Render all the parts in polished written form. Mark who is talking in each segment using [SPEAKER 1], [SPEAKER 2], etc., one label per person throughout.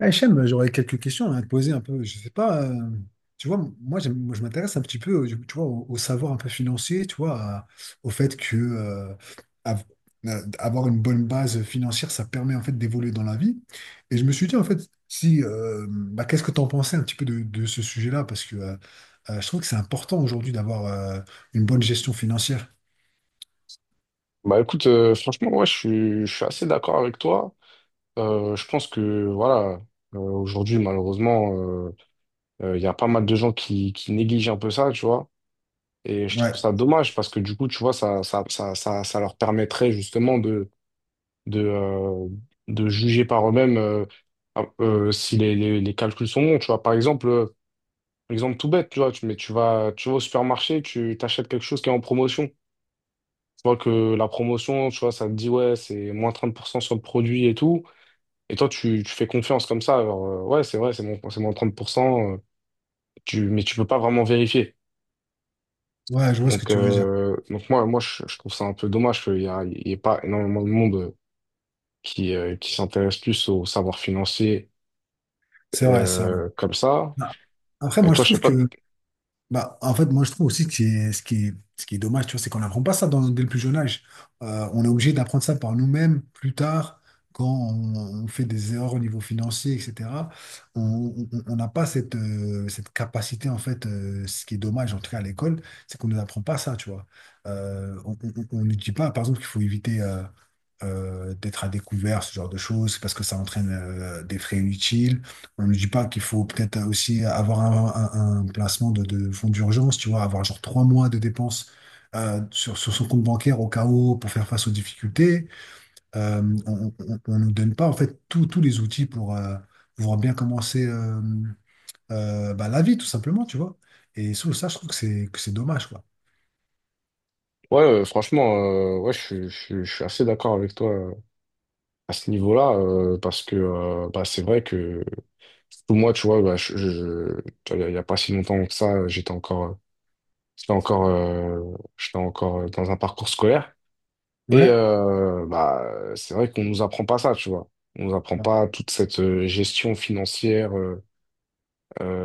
[SPEAKER 1] Ah, Hichem, j'aurais quelques questions à te poser un peu. Je sais pas, tu vois, moi, moi, je m'intéresse un petit peu, tu vois, au savoir un peu financier, tu vois, au fait que av- avoir une bonne base financière, ça permet en fait d'évoluer dans la vie. Et je me suis dit en fait, si, bah, qu'est-ce que tu en pensais un petit peu de ce sujet-là? Parce que je trouve que c'est important aujourd'hui d'avoir une bonne gestion financière.
[SPEAKER 2] Bah écoute, franchement, ouais, je suis assez d'accord avec toi. Je pense que voilà, aujourd'hui, malheureusement, euh, il y a pas mal de gens qui négligent un peu ça, tu vois. Et je trouve
[SPEAKER 1] Ouais,
[SPEAKER 2] ça dommage parce que du coup, tu vois, ça leur permettrait justement de, euh, de juger par eux-mêmes si les calculs sont bons. Tu vois, par exemple, exemple tout bête, tu vois, tu vas au supermarché, tu t'achètes quelque chose qui est en promotion. Tu vois que la promotion, tu vois, ça te dit, ouais, c'est moins 30% sur le produit et tout. Et toi, tu fais confiance comme ça. Alors, ouais, c'est vrai, c'est moins 30%. Mais tu peux pas vraiment vérifier.
[SPEAKER 1] ouais, je vois ce que
[SPEAKER 2] Donc,
[SPEAKER 1] tu veux dire.
[SPEAKER 2] euh, donc moi, je trouve ça un peu dommage il y ait pas énormément de monde qui s'intéresse plus au savoir financier
[SPEAKER 1] C'est vrai, c'est vrai.
[SPEAKER 2] comme ça.
[SPEAKER 1] Non. Après,
[SPEAKER 2] Et
[SPEAKER 1] moi, je
[SPEAKER 2] toi, je sais
[SPEAKER 1] trouve
[SPEAKER 2] pas.
[SPEAKER 1] que bah, en fait, moi, je trouve aussi que c'est ce qui est dommage, tu vois, c'est qu'on n'apprend pas ça dès le plus jeune âge. On est obligé d'apprendre ça par nous-mêmes plus tard, quand on fait des erreurs au niveau financier, etc. On n'a pas cette, cette capacité, en fait, ce qui est dommage, en tout cas à l'école, c'est qu'on ne nous apprend pas ça, tu vois. On ne dit pas, par exemple, qu'il faut éviter. D'être à découvert, ce genre de choses, parce que ça entraîne des frais inutiles. On ne dit pas qu'il faut peut-être aussi avoir un placement de fonds d'urgence, tu vois, avoir genre trois mois de dépenses sur son compte bancaire au cas où pour faire face aux difficultés. On ne nous donne pas en fait tous les outils pour pouvoir bien commencer bah, la vie, tout simplement, tu vois. Et sous ça, je trouve que c'est dommage, quoi.
[SPEAKER 2] Ouais, franchement, ouais, je suis assez d'accord avec toi à ce niveau-là, parce que bah, c'est vrai que pour moi, tu vois, bah, tu vois, il n'y a, pas si longtemps que ça, j'étais encore, euh, j'étais encore dans un parcours scolaire. Et
[SPEAKER 1] Ouais,
[SPEAKER 2] bah, c'est vrai qu'on nous apprend pas ça, tu vois. On nous apprend
[SPEAKER 1] ouais,
[SPEAKER 2] pas toute cette gestion financière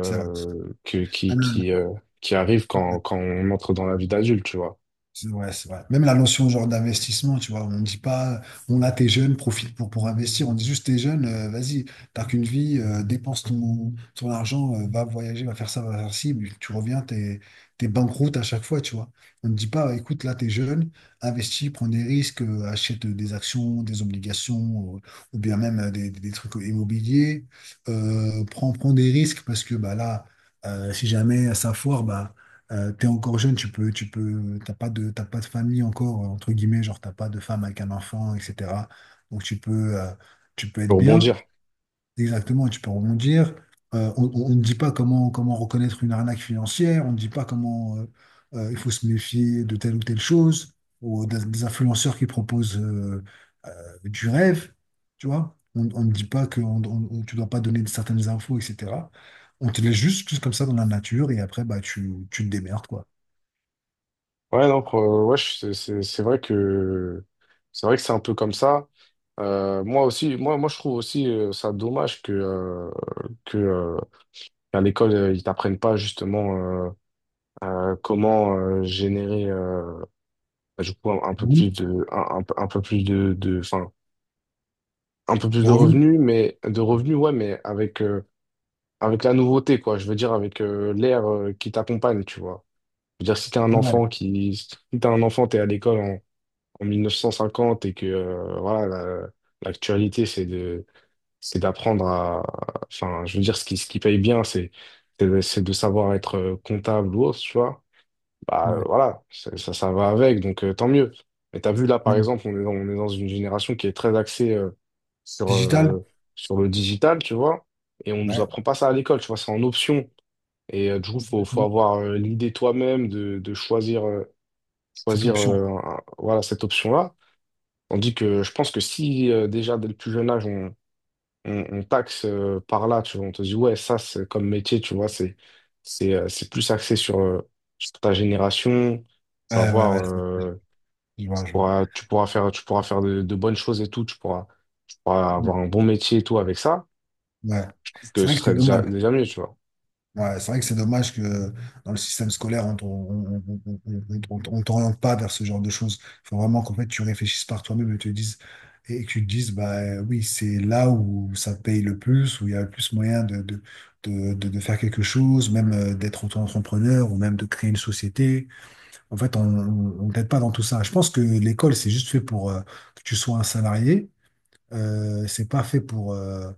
[SPEAKER 1] c'est vrai.
[SPEAKER 2] que,
[SPEAKER 1] Ah,
[SPEAKER 2] qui,
[SPEAKER 1] non,
[SPEAKER 2] qui, euh, qui arrive
[SPEAKER 1] non.
[SPEAKER 2] quand on entre dans la vie d'adulte, tu vois.
[SPEAKER 1] C'est ouais, c'est vrai. Même la notion genre d'investissement, tu vois, on ne dit pas, on a t'es jeune, profite pour investir. On dit juste t'es jeune, vas-y, t'as qu'une vie, dépense ton argent, va voyager, va faire ça, va faire ci, puis tu reviens, t'es banqueroute à chaque fois, tu vois. On ne dit pas, écoute, là, t'es jeune, investis, prends des risques, achète des actions, des obligations, ou bien même des trucs immobiliers, prends, prends des risques parce que bah là, si jamais ça foire, bah t'es encore jeune, tu peux, t'as pas de famille encore, entre guillemets, genre t'as pas de femme avec un enfant, etc. Donc tu peux, tu peux être
[SPEAKER 2] Pour
[SPEAKER 1] bien,
[SPEAKER 2] rebondir.
[SPEAKER 1] exactement, et tu peux rebondir. On ne dit pas comment reconnaître une arnaque financière, on ne dit pas comment il faut se méfier de telle ou telle chose, ou des influenceurs qui proposent du rêve, tu vois. On ne dit pas que tu dois pas donner certaines infos, etc. On te laisse juste, juste comme ça dans la nature et après, bah, tu te démerdes, quoi.
[SPEAKER 2] Ouais, non, c'est vrai que c'est vrai que c'est un peu comme ça. Moi aussi, moi je trouve aussi ça dommage que à l'école, ils t'apprennent pas justement euh, comment générer du coup un peu
[SPEAKER 1] Oui,
[SPEAKER 2] plus de un peu plus de enfin un peu plus
[SPEAKER 1] le
[SPEAKER 2] de
[SPEAKER 1] revenu.
[SPEAKER 2] revenus, mais de revenus ouais, mais avec avec la nouveauté quoi. Je veux dire avec l'air qui t'accompagne, tu vois. Je veux dire si t'es un
[SPEAKER 1] Ouais,
[SPEAKER 2] enfant qui si t'es un enfant, t'es à l'école en, en 1950 et que voilà l'actualité c'est d'apprendre à... Enfin, je veux dire, ce qui paye bien, c'est de savoir être comptable ou autre, tu vois. Bah
[SPEAKER 1] ouais,
[SPEAKER 2] voilà, ça va avec, donc tant mieux. Mais t'as vu, là, par
[SPEAKER 1] ouais.
[SPEAKER 2] exemple, on est dans une génération qui est très axée sur,
[SPEAKER 1] Digital?
[SPEAKER 2] euh, sur le digital, tu vois. Et on nous
[SPEAKER 1] Ouais.
[SPEAKER 2] apprend pas ça à l'école, tu vois, c'est en option. Et du coup, faut
[SPEAKER 1] Mhm.
[SPEAKER 2] avoir l'idée toi-même de choisir,
[SPEAKER 1] Cette
[SPEAKER 2] choisir
[SPEAKER 1] option.
[SPEAKER 2] voilà, cette option-là. Tandis que je pense que si déjà dès le plus jeune âge, on taxe par là, tu vois. On te dit, ouais, ça, c'est comme métier, tu vois, c'est plus axé sur, sur ta génération. Tu vas
[SPEAKER 1] Ouais, ouais,
[SPEAKER 2] voir,
[SPEAKER 1] ouais. c'est- Je vois, je vois.
[SPEAKER 2] tu pourras faire de bonnes choses et tout, tu pourras avoir
[SPEAKER 1] Mhm.
[SPEAKER 2] un bon métier et tout avec ça,
[SPEAKER 1] Ouais.
[SPEAKER 2] parce que
[SPEAKER 1] C'est
[SPEAKER 2] ce
[SPEAKER 1] vrai que c'est
[SPEAKER 2] serait
[SPEAKER 1] dommage.
[SPEAKER 2] déjà mieux, tu vois.
[SPEAKER 1] Ouais, c'est vrai que c'est dommage que dans le système scolaire, on ne t'oriente pas vers ce genre de choses. Il faut vraiment qu'en fait, tu réfléchisses par toi-même et que tu te dises, bah oui, c'est là où ça paye le plus, où il y a le plus moyen de faire quelque chose, même d'être auto-entrepreneur ou même de créer une société. En fait, on ne t'aide pas dans tout ça. Je pense que l'école, c'est juste fait pour que tu sois un salarié. C'est pas fait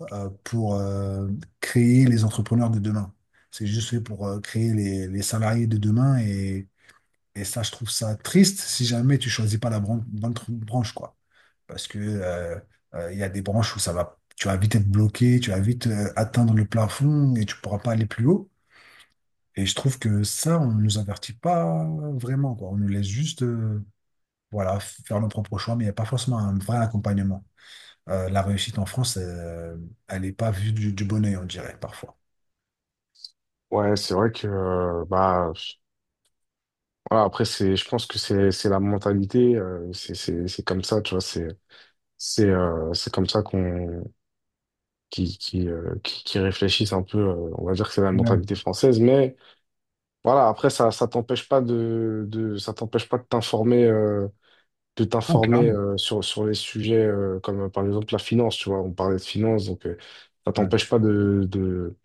[SPEAKER 1] pour créer les entrepreneurs de demain. C'est juste fait pour créer les salariés de demain. Et ça, je trouve ça triste si jamais tu choisis pas la bonne branche, quoi. Parce que il y a des branches où ça va, tu vas vite être bloqué, tu vas vite atteindre le plafond et tu pourras pas aller plus haut. Et je trouve que ça, on ne nous avertit pas vraiment, quoi. On nous laisse juste. Voilà, faire nos propres choix, mais il n'y a pas forcément un vrai accompagnement. La réussite en France, elle n'est pas vue du bon œil, on dirait, parfois.
[SPEAKER 2] Ouais, c'est vrai que, bah, voilà, après, c'est, je pense que c'est la mentalité, c'est comme ça, tu vois, c'est comme ça qu'on, qui réfléchissent un peu, on va dire que c'est la
[SPEAKER 1] Ouais.
[SPEAKER 2] mentalité française, mais, voilà, après, ça t'empêche pas de t'informer, de
[SPEAKER 1] Ouais,
[SPEAKER 2] t'informer
[SPEAKER 1] clairement.
[SPEAKER 2] sur les sujets comme par exemple la finance, tu vois, on parlait de finance, donc ça
[SPEAKER 1] Ouais.
[SPEAKER 2] t'empêche pas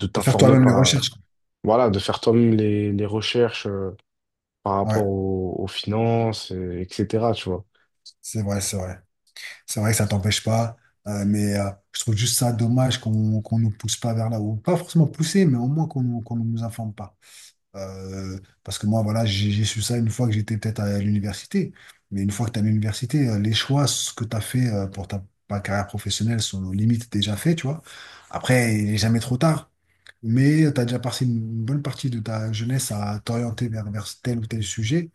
[SPEAKER 2] de
[SPEAKER 1] De faire
[SPEAKER 2] t'informer
[SPEAKER 1] toi-même les recherches. Quoi.
[SPEAKER 2] voilà, de faire toi-même les recherches par rapport
[SPEAKER 1] Ouais,
[SPEAKER 2] aux, aux finances, etc., tu vois.
[SPEAKER 1] c'est vrai, c'est vrai. C'est vrai que ça t'empêche pas, mais je trouve juste ça dommage qu'on nous pousse pas vers là, ou pas forcément pousser, mais au moins qu'on ne nous informe pas. Parce que moi, voilà, j'ai su ça une fois que j'étais peut-être à l'université, mais une fois que tu es à l'université, les choix ce que tu as fait pour ta carrière professionnelle sont limites déjà faits, tu vois. Après, il n'est jamais trop tard, mais tu as déjà passé une bonne partie de ta jeunesse à t'orienter vers tel ou tel sujet,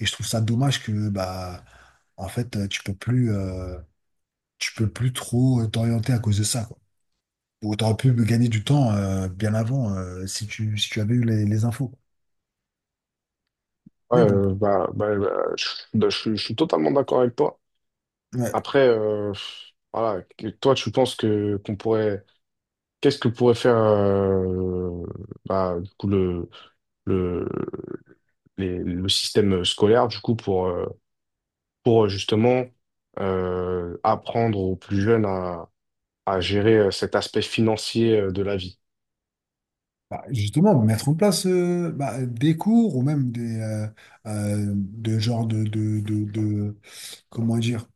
[SPEAKER 1] et je trouve ça dommage que, bah, en fait, tu peux plus. Tu peux plus trop t'orienter à cause de ça, quoi. Ou t'aurais pu me gagner du temps bien avant si tu, si tu avais eu les infos. Quoi.
[SPEAKER 2] Ouais,
[SPEAKER 1] Mais bon,
[SPEAKER 2] je, je suis totalement d'accord avec toi.
[SPEAKER 1] ouais.
[SPEAKER 2] Après, voilà, que- toi, tu penses que qu'on pourrait, qu'est-ce que pourrait faire bah, du coup, le, le système scolaire, du coup, pour justement apprendre aux plus jeunes à gérer cet aspect financier de la vie.
[SPEAKER 1] Bah, justement, mettre en place bah, des cours ou même des de genre de- comment dire,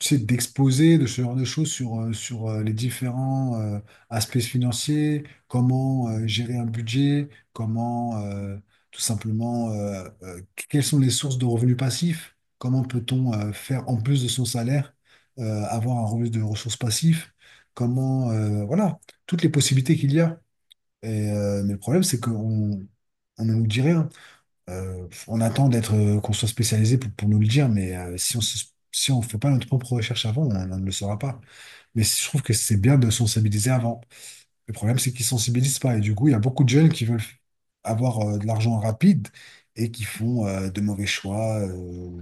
[SPEAKER 1] c'est d'exposer de ce genre de choses sur les différents aspects financiers, comment gérer un budget, comment tout simplement, quelles sont les sources de revenus passifs, comment peut-on faire en plus de son salaire, avoir un revenu de ressources passives, voilà, toutes les possibilités qu'il y a. Et, mais le problème, c'est qu'on on ne nous dit rien. On attend d'être qu'on soit spécialisé pour nous le dire, mais si on fait pas notre propre recherche avant, on ne le saura pas. Mais je trouve que c'est bien de sensibiliser avant. Le problème, c'est qu'ils sensibilisent pas. Et du coup, il y a beaucoup de jeunes qui veulent avoir de l'argent rapide et qui font de mauvais choix euh,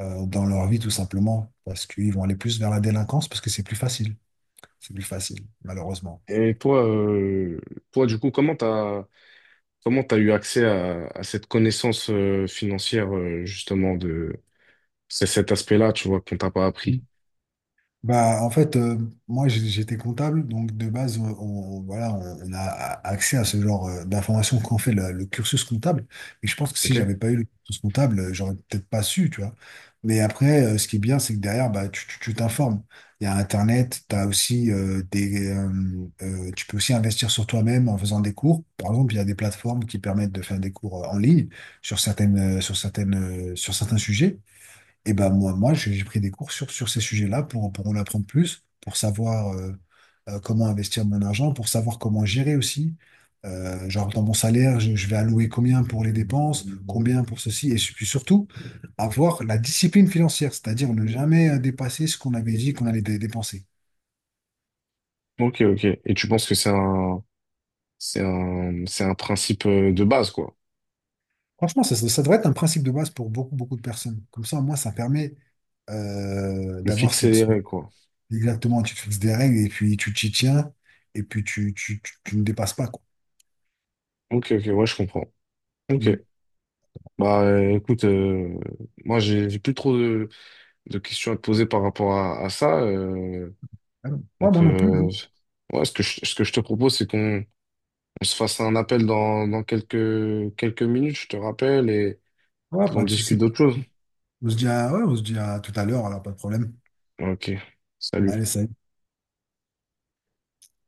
[SPEAKER 1] euh, dans leur vie, tout simplement, parce qu'ils vont aller plus vers la délinquance, parce que c'est plus facile. C'est plus facile, malheureusement.
[SPEAKER 2] Et toi, du coup, comment t'as eu accès à cette connaissance financière, justement, de c'est cet aspect-là, tu vois, qu'on t'a pas appris.
[SPEAKER 1] Bah, en fait, moi j'étais comptable, donc de base, voilà, on a accès à ce genre d'informations quand on fait le cursus comptable. Et je pense que si
[SPEAKER 2] Ok?
[SPEAKER 1] j'avais pas eu le cursus comptable, j'aurais peut-être pas su, tu vois. Mais après, ce qui est bien, c'est que derrière, bah, tu t'informes. Il y a Internet, t'as aussi tu peux aussi investir sur toi-même en faisant des cours. Par exemple, il y a des plateformes qui permettent de faire des cours en ligne sur certains sujets. Et ben moi, moi j'ai pris des cours sur ces sujets-là pour en apprendre plus, pour savoir comment investir mon argent, pour savoir comment gérer aussi. Genre dans mon salaire, je vais allouer combien pour les dépenses, combien pour ceci, et puis surtout avoir la discipline financière, c'est-à-dire ne jamais dépasser ce qu'on avait dit qu'on allait dépenser.
[SPEAKER 2] Ok, ok. Et tu penses que c'est un, c'est un principe de base, quoi.
[SPEAKER 1] Franchement, ça devrait être un principe de base pour beaucoup, beaucoup de personnes. Comme ça, moi, ça permet
[SPEAKER 2] Le
[SPEAKER 1] d'avoir
[SPEAKER 2] fixer les
[SPEAKER 1] cette...
[SPEAKER 2] règles, quoi.
[SPEAKER 1] Exactement, tu te fixes des règles et puis tu t'y tiens et puis tu ne dépasses pas. Quoi.
[SPEAKER 2] Ok, ok, ouais, je comprends. Ok.
[SPEAKER 1] Mm.
[SPEAKER 2] Bah écoute, moi j'ai plus trop de questions à te poser par rapport à ça.
[SPEAKER 1] Ah non. Ouais,
[SPEAKER 2] Donc
[SPEAKER 1] moi non plus. Je-
[SPEAKER 2] euh, ouais, ce que je te propose, c'est qu'on on se fasse un appel dans, dans quelques minutes, je te rappelle, et
[SPEAKER 1] Ouais,
[SPEAKER 2] puis on
[SPEAKER 1] pas de
[SPEAKER 2] discute
[SPEAKER 1] souci.
[SPEAKER 2] d'autre chose.
[SPEAKER 1] On se dit à, ouais, on se dit à tout à l'heure, alors pas de problème.
[SPEAKER 2] Ok, salut.
[SPEAKER 1] Allez, salut.